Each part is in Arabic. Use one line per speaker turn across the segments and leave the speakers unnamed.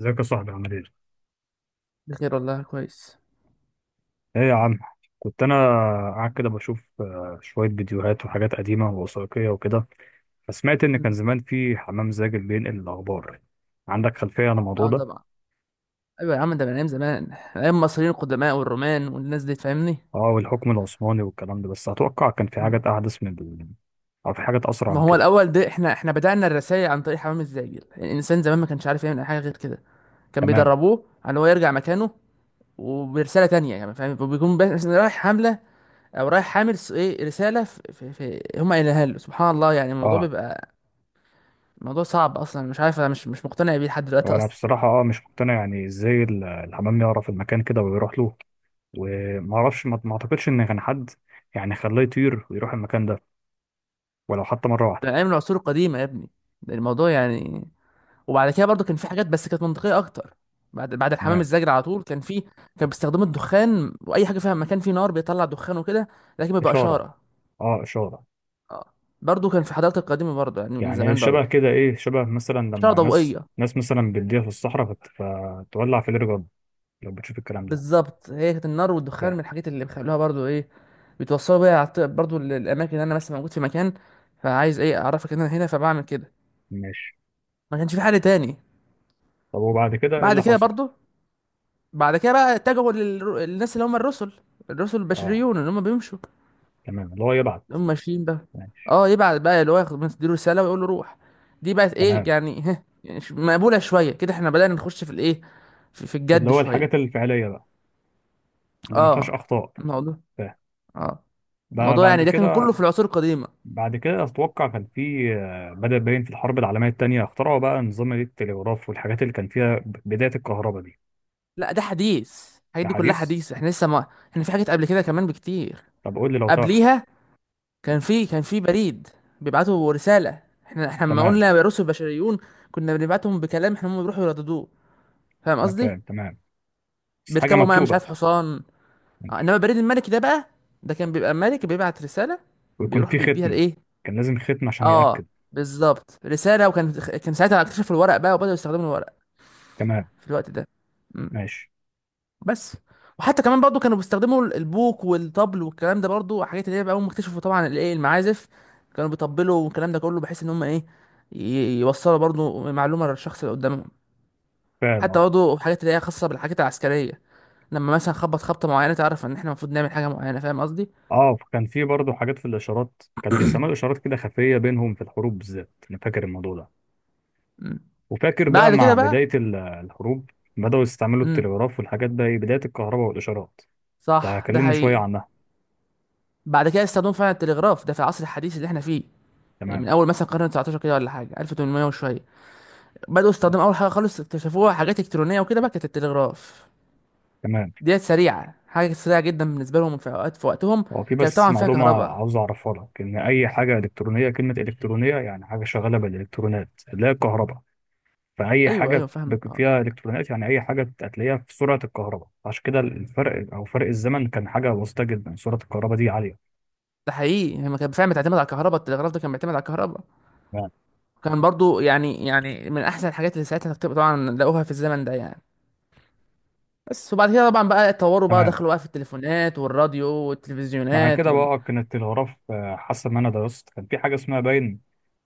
ازيك يا صاحبي، عامل ايه؟
بخير والله كويس.
ايه يا عم، كنت انا قاعد كده بشوف شوية فيديوهات وحاجات قديمة ووثائقية وكده. فسمعت ان كان
مم.
زمان في حمام زاجل بينقل الاخبار. عندك خلفية عن الموضوع
اه
ده؟
طبعا. ايوه يا عم، ده من ايام زمان، ايام المصريين القدماء والرومان والناس دي فاهمني.
اه، والحكم العثماني والكلام ده، بس اتوقع كان في
مم.
حاجات احدث من او في حاجات اسرع
ما
من
هو
كده.
الاول ده احنا بدأنا الرسائل عن طريق حمام الزاجل، يعني الانسان زمان ما كانش عارف يعمل أي حاجه غير كده. كان
تمام.
بيدربوه على ان هو يرجع مكانه وبرساله تانية، يعني فاهم، وبيكون رايح حمله او رايح حامل ايه رساله في هم قايلينها له. سبحان الله، يعني الموضوع
اه،
بيبقى موضوع صعب اصلا، مش عارف انا مش مقتنع بيه لحد دلوقتي
وانا
اصلا.
بصراحة اه مش مقتنع، يعني ازاي الحمام يعرف المكان كده ويروح له؟ وما اعرفش، ما اعتقدش ان كان حد يعني خلاه يطير ويروح المكان ده، ولو حتى مرة واحدة.
ده من ايام العصور القديمه يا ابني، ده الموضوع يعني. وبعد كده برضو كان في حاجات بس كانت منطقيه اكتر. بعد الحمام
تمام.
الزاجل على طول كان في كان بيستخدموا الدخان، واي حاجه فيها مكان فيه نار بيطلع دخان وكده، لكن بيبقى
إشارة.
اشاره.
اه، اشاره.
اه، برضو كان في حضارات القديمه برضو، يعني من
يعني
زمان
شبه
برضو.
كده، ايه شبه مثلا
اشاره
لما ناس
ضوئيه
ناس مثلا بتضيع في الصحراء فتولع في الرجل لو بتشوف الكلام ده.
بالظبط، هي كانت النار والدخان
فاهم.
من الحاجات اللي بيخلوها برضو ايه، بيتوصلوا بيها على برضو للاماكن. اللي انا مثلا موجود في مكان فعايز ايه اعرفك ان انا هنا، فبعمل كده،
ماشي.
ما كانش في حل تاني.
طب وبعد كده ايه
بعد
اللي
كده
حصل؟
برضو، بعد كده بقى اتجهوا للناس اللي هم الرسل، الرسل
اه.
البشريون اللي هم بيمشوا،
تمام، اللي هو يبعت.
هم ماشيين بقى.
ماشي.
اه يبعت بقى، اللي هو ياخد يديله رساله ويقول له روح. دي بقت ايه
تمام،
يعني، ها يعني مقبوله شويه كده، احنا بدأنا نخش في الايه، في
اللي
الجد
هو الحاجات
شويه.
الفعليه بقى، اللي ما فيهاش
اه.
اخطاء.
الموضوع
فاهم.
اه الموضوع
بعد
يعني ده كان
كده.
كله في العصور القديمه.
بعد كده اتوقع كان في بدأ باين في الحرب العالميه الثانيه اخترعوا بقى نظام التلغراف والحاجات اللي كان فيها بدايه الكهرباء دي.
لا ده حديث، الحاجات
ده
دي كلها
حديث.
حديث، احنا لسه ما، احنا في حاجات قبل كده كمان بكتير.
طب قول لي لو تعرف.
قبليها كان في بريد بيبعتوا رساله. احنا لما
تمام.
قلنا الرسل البشريون كنا بنبعتهم بكلام، احنا هم بيروحوا يرددوه، فاهم
انا
قصدي؟
فاهم تمام، بس حاجه
بيركبوا معاه مش
مكتوبه.
عارف حصان. انما البريد الملكي ده بقى، ده كان بيبقى ملك بيبعت رساله،
ويكون
بيروح
في
بيديها
ختم،
لايه.
كان لازم ختم عشان
اه
يأكد.
بالظبط، رساله. وكان ساعتها اكتشفوا الورق بقى وبداوا يستخدموا الورق
تمام.
في الوقت ده. مم.
ماشي.
بس، وحتى كمان برضو كانوا بيستخدموا البوق والطبل والكلام ده برضو، حاجات اللي هي بقى، هم اكتشفوا طبعا الايه المعازف، كانوا بيطبلوا والكلام ده كله بحيث ان هم ايه، يوصلوا برضو معلومه للشخص اللي قدامهم.
فاهم.
حتى
اه.
برضو حاجات اللي هي خاصه بالحاجات العسكريه، لما مثلا خبط خبطه معينه تعرف ان احنا المفروض نعمل حاجه معينه، فاهم قصدي؟
اه، كان في برضه حاجات في الاشارات، كان بيستعملوا اشارات كده خفيه بينهم في الحروب بالذات، انا فاكر الموضوع ده.
مم.
وفاكر بقى
بعد
مع
كده بقى.
بدايه الحروب بداوا يستعملوا
امم.
التلغراف والحاجات ده، بدايه الكهرباء والاشارات.
صح، ده
فكلمني شويه
حقيقي.
عنها.
بعد كده استخدموا فعلا التلغراف ده في العصر الحديث اللي احنا فيه، يعني من
تمام.
اول مثلا القرن 19 كده ولا حاجه، 1800 وشويه. بداوا استخدموا اول حاجه خالص اكتشفوها حاجات الكترونيه وكده بقى كانت التلغراف.
تمام.
ديت سريعه، حاجه سريعه جدا بالنسبه لهم في اوقات في وقتهم.
هو في
كانت
بس
طبعا فيها
معلومه
كهرباء.
عاوز اعرفها لك، ان اي حاجه الكترونيه، كلمه الكترونيه يعني حاجه شغاله بالالكترونات اللي هي الكهرباء. فأي
ايوه ايوه
حاجة
فاهمك، اه.
فيها إلكترونيات، يعني أي حاجة هتلاقيها في سرعة الكهرباء. عشان كده الفرق أو فرق الزمن كان حاجة بسيطة جدا، سرعة الكهرباء دي عالية.
ده حقيقي، هي كانت فعلا بتعتمد على الكهرباء، التلغراف ده كان بيعتمد على الكهرباء.
تمام.
كان برضو يعني، من احسن الحاجات اللي ساعتها طبعا لقوها في الزمن ده يعني. بس، وبعد كده طبعا بقى اتطوروا بقى،
تمام.
دخلوا بقى في التليفونات والراديو
مع
والتلفزيونات
كده
وال...
بقى كانت الغرف حاسة إن أنا درست كان في حاجة اسمها باين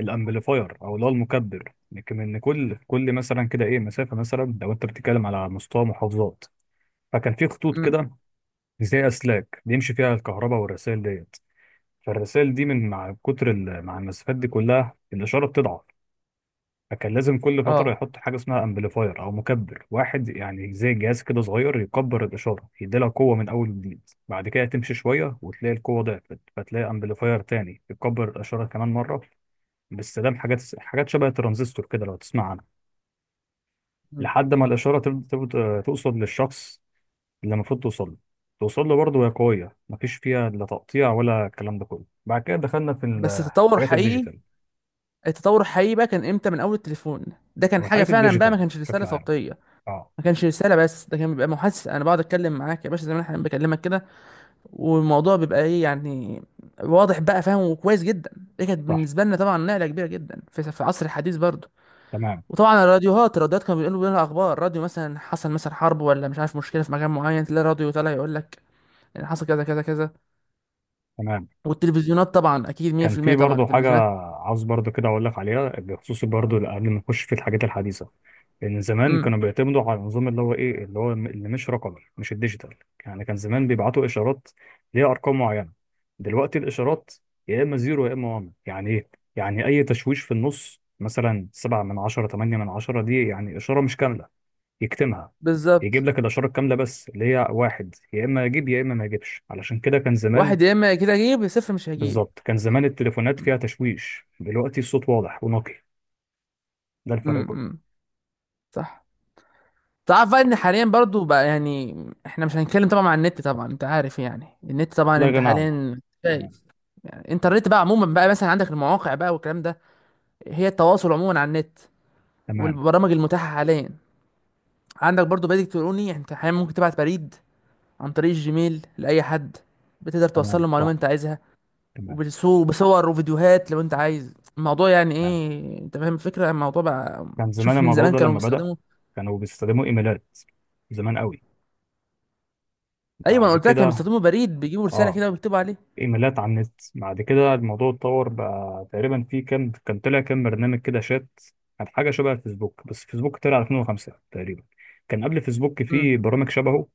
الأمبليفاير، أو اللي هو المكبر. لكن إن كل مثلا كده إيه، مسافة مثلا لو أنت بتتكلم على مستوى محافظات، فكان في خطوط
امم.
كده زي أسلاك بيمشي فيها الكهرباء والرسائل ديت. فالرسائل دي من مع كتر مع المسافات دي كلها الإشارة بتضعف. فكان لازم كل فترة
اه.
يحط حاجة اسمها امبليفاير أو مكبر واحد، يعني زي جهاز كده صغير يكبر الإشارة، يديلها قوة من أول وجديد. بعد كده تمشي شوية وتلاقي القوة ضعفت، فتلاقي امبليفاير تاني يكبر الإشارة كمان مرة، باستخدام حاجات شبه الترانزستور كده لو تسمع عنها.
مم.
لحد ما الإشارة توصل للشخص اللي المفروض توصل له، توصل له برضه وهي قوية، مفيش فيها لا تقطيع ولا الكلام ده كله. بعد كده دخلنا في
بس التطور
الحاجات
حقيقي،
الديجيتال،
التطور الحقيقي بقى كان امتى؟ من اول التليفون. ده كان
أو
حاجه
الحاجات
فعلا بقى، ما
الديجيتال
كانش رساله
بشكل عام.
صوتيه،
اه.
ما كانش رساله بس، ده كان بيبقى محادثه، انا بقعد اتكلم معاك يا باشا زي ما انا بكلمك كده، والموضوع بيبقى ايه يعني، واضح بقى فاهم وكويس جدا. دي كانت
صح.
بالنسبه لنا طبعا نقله كبيره جدا في العصر الحديث برضه.
تمام.
وطبعا الراديوهات، الراديوهات كانوا بيقولوا لنا اخبار، راديو مثلا حصل مثلا حرب، ولا مش عارف مشكله في مكان معين، تلاقي راديو طالع يقول لك ان حصل كذا كذا كذا.
تمام.
والتلفزيونات طبعا، اكيد
كان
100%،
في
طبعا
برضه حاجة
التلفزيونات.
عاوز برضه كده أقول لك عليها بخصوص برضه قبل ما نخش في الحاجات الحديثة. لأن زمان
امم.
كانوا بيعتمدوا على النظام اللي هو إيه اللي هو اللي مش رقمي، مش الديجيتال. يعني كان زمان بيبعتوا إشارات ليها أرقام معينة. دلوقتي الإشارات يا إما زيرو يا إما وان. يعني إيه؟ يعني أي تشويش في النص مثلا، سبعة من عشرة، تمانية من عشرة، دي يعني إشارة مش كاملة، يكتمها،
بالظبط،
يجيب لك الإشارة الكاملة بس اللي هي واحد، يا إما يجيب يا إما ما يجيبش. علشان كده كان
واحد
زمان.
يا اما كده هجيب يا صفر مش هجيب.
بالظبط، كان زمان التليفونات فيها تشويش، دلوقتي الصوت واضح ونقي، ده الفرق كله.
امم. صح. تعرف بقى ان حاليا برضو بقى يعني، احنا مش هنتكلم طبعا عن النت، طبعا انت عارف يعني النت، طبعا
لا
انت
غنى عنه.
حاليا
تمام.
شايف. يعني انترنت بقى عموما بقى، مثلا عندك المواقع بقى والكلام ده، هي التواصل عموما على النت
تمام.
والبرامج المتاحة حاليا. عندك برضو بريد الكتروني، انت حاليا ممكن تبعت بريد عن طريق الجيميل لأي حد، بتقدر توصل
تمام.
له المعلومة
صح.
انت عايزها.
تمام.
بصور وفيديوهات لو انت عايز الموضوع، يعني
تمام،
ايه، انت فاهم الفكره يعني، الموضوع بقى.
كان زمان
شوف، من
الموضوع
زمان
ده
كانوا
لما بدأ
بيستخدموا.
كانوا بيستخدموا ايميلات زمان قوي.
ايوه، ما انا
بعد
قلت لك كانوا
كده
بيستخدموا بريد، بيجيبوا رساله
اه
كده وبيكتبوا عليه.
ايميلات على النت. بعد كده الموضوع اتطور بقى، تقريبا في كام، كان طلع كام برنامج كده شات، كان حاجه شبه الفيسبوك، بس فيسبوك طلع 2005 تقريبا. كان قبل فيسبوك
امم.
في برامج شبهه،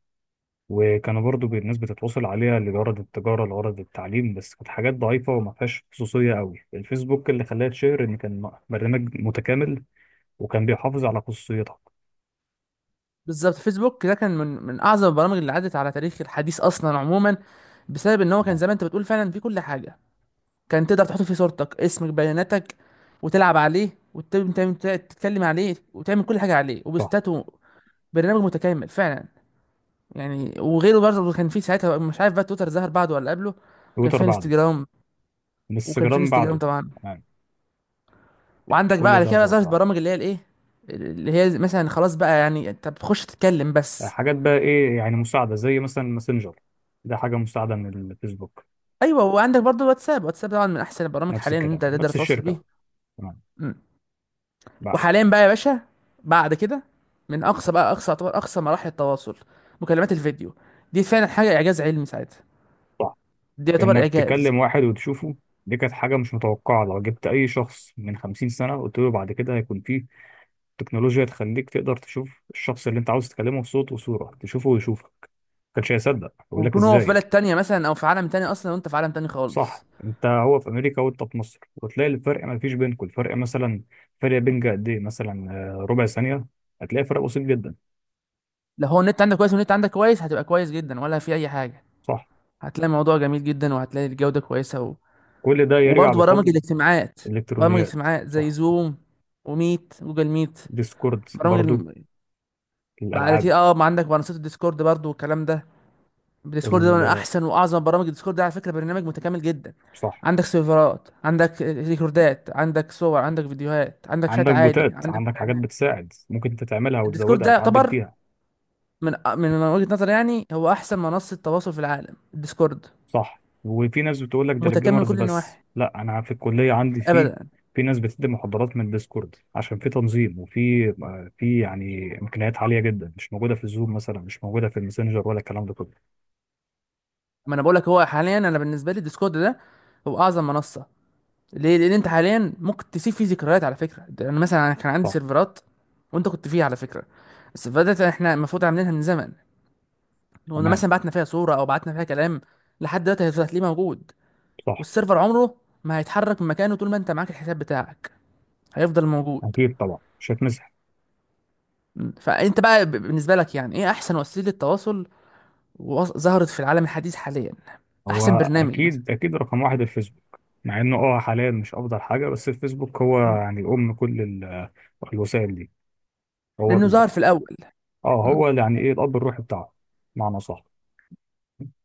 وكانوا برضو الناس بتتواصل عليها لغرض التجارة، لغرض التعليم، بس كانت حاجات ضعيفة وما فيهاش خصوصية قوي. الفيسبوك اللي خلاها تشهر إن كان برنامج متكامل وكان بيحافظ على خصوصيتك.
بالظبط، فيسبوك ده كان من اعظم البرامج اللي عدت على تاريخ الحديث اصلا عموما، بسبب ان هو كان
تمام.
زمان انت بتقول فعلا فيه كل حاجه، كان تقدر تحط فيه صورتك اسمك بياناتك، وتلعب عليه وتتكلم عليه وتعمل كل حاجه عليه
صح.
وبوستات. برنامج متكامل فعلا يعني. وغيره برضه كان في ساعتها، مش عارف بقى تويتر ظهر بعده ولا قبله. وكان
تويتر
في
بعده.
انستجرام، وكان في
انستجرام
انستجرام
بعده.
طبعا.
تمام.
وعندك بقى
كل
على
ده
كده بقى
ظهر
ظهرت
بعده.
برامج اللي هي الايه، اللي هي مثلا خلاص بقى، يعني انت بتخش تتكلم بس.
حاجات بقى إيه يعني مساعدة زي مثلا ماسنجر، ده حاجة مساعدة من الفيسبوك.
ايوه، وعندك برضه واتساب، واتساب طبعا من احسن البرامج
نفس
حاليا ان انت
الكلام،
تقدر
نفس
تتواصل بيه.
الشركة. تمام.
مم.
بقى.
وحاليا بقى يا باشا، بعد كده، من اقصى بقى، اقصى يعتبر اقصى مراحل التواصل، مكالمات الفيديو. دي فعلا حاجه اعجاز علمي ساعتها، دي يعتبر
انك
اعجاز.
تكلم واحد وتشوفه، دي كانت حاجة مش متوقعة. لو جبت أي شخص من 50 سنة قلت له بعد كده هيكون فيه تكنولوجيا تخليك تقدر تشوف الشخص اللي أنت عاوز تكلمه بصوت وصورة، تشوفه ويشوفك، كانش هيصدق، يقول لك
ويكون هو في
إزاي.
بلد تانية مثلا او في عالم تاني اصلا، وانت في عالم تاني خالص.
صح، أنت هو في أمريكا وأنت في مصر، وتلاقي الفرق ما فيش بينكم، الفرق مثلا، فرق بينك قد إيه مثلا، ربع ثانية، هتلاقي فرق بسيط جدا.
لو هو النت عندك كويس والنت عندك كويس هتبقى كويس جدا، ولا في اي حاجه
صح.
هتلاقي الموضوع جميل جدا، وهتلاقي الجوده كويسه و...
كل ده يرجع
وبرضه برامج
بفضل
الاجتماعات، برامج
الإلكترونيات.
الاجتماعات زي
صح.
زوم وميت جوجل ميت،
ديسكورد
برامج
برضو.
الم... بعد
الألعاب.
كده اه، ما عندك منصات الديسكورد برضه والكلام ده. الديسكورد ده من
ال-
احسن واعظم برامج، الديسكورد ده على فكره برنامج متكامل جدا.
صح.
عندك سيرفرات، عندك ريكوردات، عندك صور، عندك فيديوهات، عندك شات
عندك
عادي،
بوتات،
عندك
عندك حاجات
مكالمات.
بتساعد ممكن انت تعملها
الديسكورد
وتزودها
ده
وتعدل
يعتبر
فيها.
من وجهة نظري يعني هو احسن منصة تواصل في العالم، الديسكورد
صح، وفي ناس بتقول لك ده
متكامل من
للجيمرز
كل
بس،
النواحي.
لا، انا في الكليه عندي فيه.
ابدا،
في ناس بتدي محاضرات من ديسكورد، عشان في تنظيم وفي في يعني امكانيات عاليه جدا مش موجوده في الزوم مثلا، مش موجوده في الماسنجر ولا الكلام ده كله.
ما انا بقول لك، هو حاليا انا بالنسبه لي ديسكورد ده هو اعظم منصه. ليه؟ لان انت حاليا ممكن تسيب فيه ذكريات. على فكره ده انا مثلا أنا كان عندي
صح.
سيرفرات، وانت كنت فيها على فكره، السيرفرات دي احنا المفروض عاملينها من زمن، وقلنا
تمام.
مثلا بعتنا فيها صوره او بعتنا فيها كلام، لحد دلوقتي هيفضل، هتلاقيه موجود.
صح.
والسيرفر عمره ما هيتحرك من مكانه، طول ما انت معاك الحساب بتاعك هيفضل موجود.
اكيد طبعا مش هتمسح.
م. فانت بقى بالنسبه لك يعني ايه احسن وسيله تواصل وظهرت في العالم الحديث حاليا،
هو
احسن برنامج مثلا،
اكيد اكيد رقم واحد الفيسبوك، مع انه اه حاليا مش افضل حاجه، بس الفيسبوك هو يعني ام كل الوسائل دي. هو
لانه ظهر في الاول.
اه،
مم.
هو يعني ايه الاب الروحي بتاعه، معنى صح.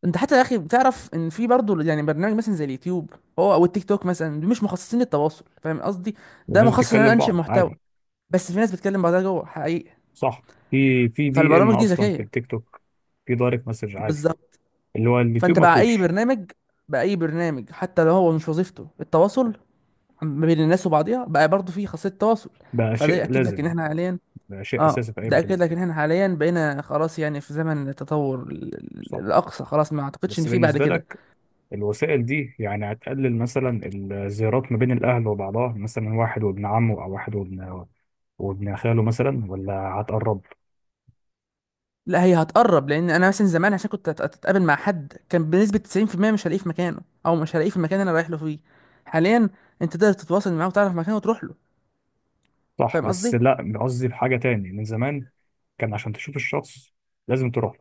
انت حتى يا اخي بتعرف ان في برضه يعني برنامج مثلا زي اليوتيوب هو، او التيك توك مثلا، دول مش مخصصين للتواصل، فاهم قصدي؟ ده
والناس
مخصص ان انا
بتتكلم
انشئ
بعض
محتوى،
عادي.
بس في ناس بتكلم بعضها جوه حقيقي،
صح، في دي ام
فالبرامج دي
اصلا في
ذكيه.
التيك توك، في دايركت مسج عادي،
بالظبط.
اللي هو اليوتيوب
فانت
ما
بقى اي
فيهوش.
برنامج، بقى اي برنامج حتى لو هو مش وظيفته التواصل ما بين الناس وبعضها، بقى برضه في خاصيه تواصل.
بقى
فده
شيء
ياكد لك ان
لازم،
احنا حاليا.
بقى شيء
اه،
اساسي في اي
ده اكد
برنامج.
لك ان احنا حاليا بقينا خلاص، يعني في زمن التطور
صح.
الاقصى خلاص، ما اعتقدش ان
بس
في بعد
بالنسبه
كده.
لك الوسائل دي يعني هتقلل مثلا الزيارات ما بين الاهل وبعضها مثلا، واحد وابن عمه، او واحد وابن وابن خاله مثلا، ولا هتقربها؟
لا، هي هتقرب، لان انا مثلا زمان عشان كنت اتقابل مع حد كان بنسبه 90% مش هلاقيه في مكانه، او مش هلاقيه في المكان اللي انا رايح له فيه. حاليا انت تقدر تتواصل معاه وتعرف مكانه وتروح له،
صح،
فاهم
بس
قصدي.
لا، قصدي بحاجة تاني من زمان. كان عشان تشوف الشخص لازم تروح له،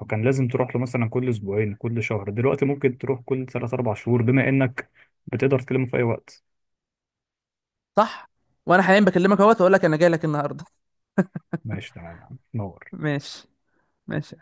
وكان لازم تروح له مثلا كل اسبوعين، كل شهر. دلوقتي ممكن تروح كل ثلاث اربع شهور، بما انك بتقدر تكلمه في اي وقت.
صح، وانا حاليا بكلمك اهوت واقول لك انا جاي لك النهارده.
ماشي، تمام يا عم. نور.
ماشي، ماشي.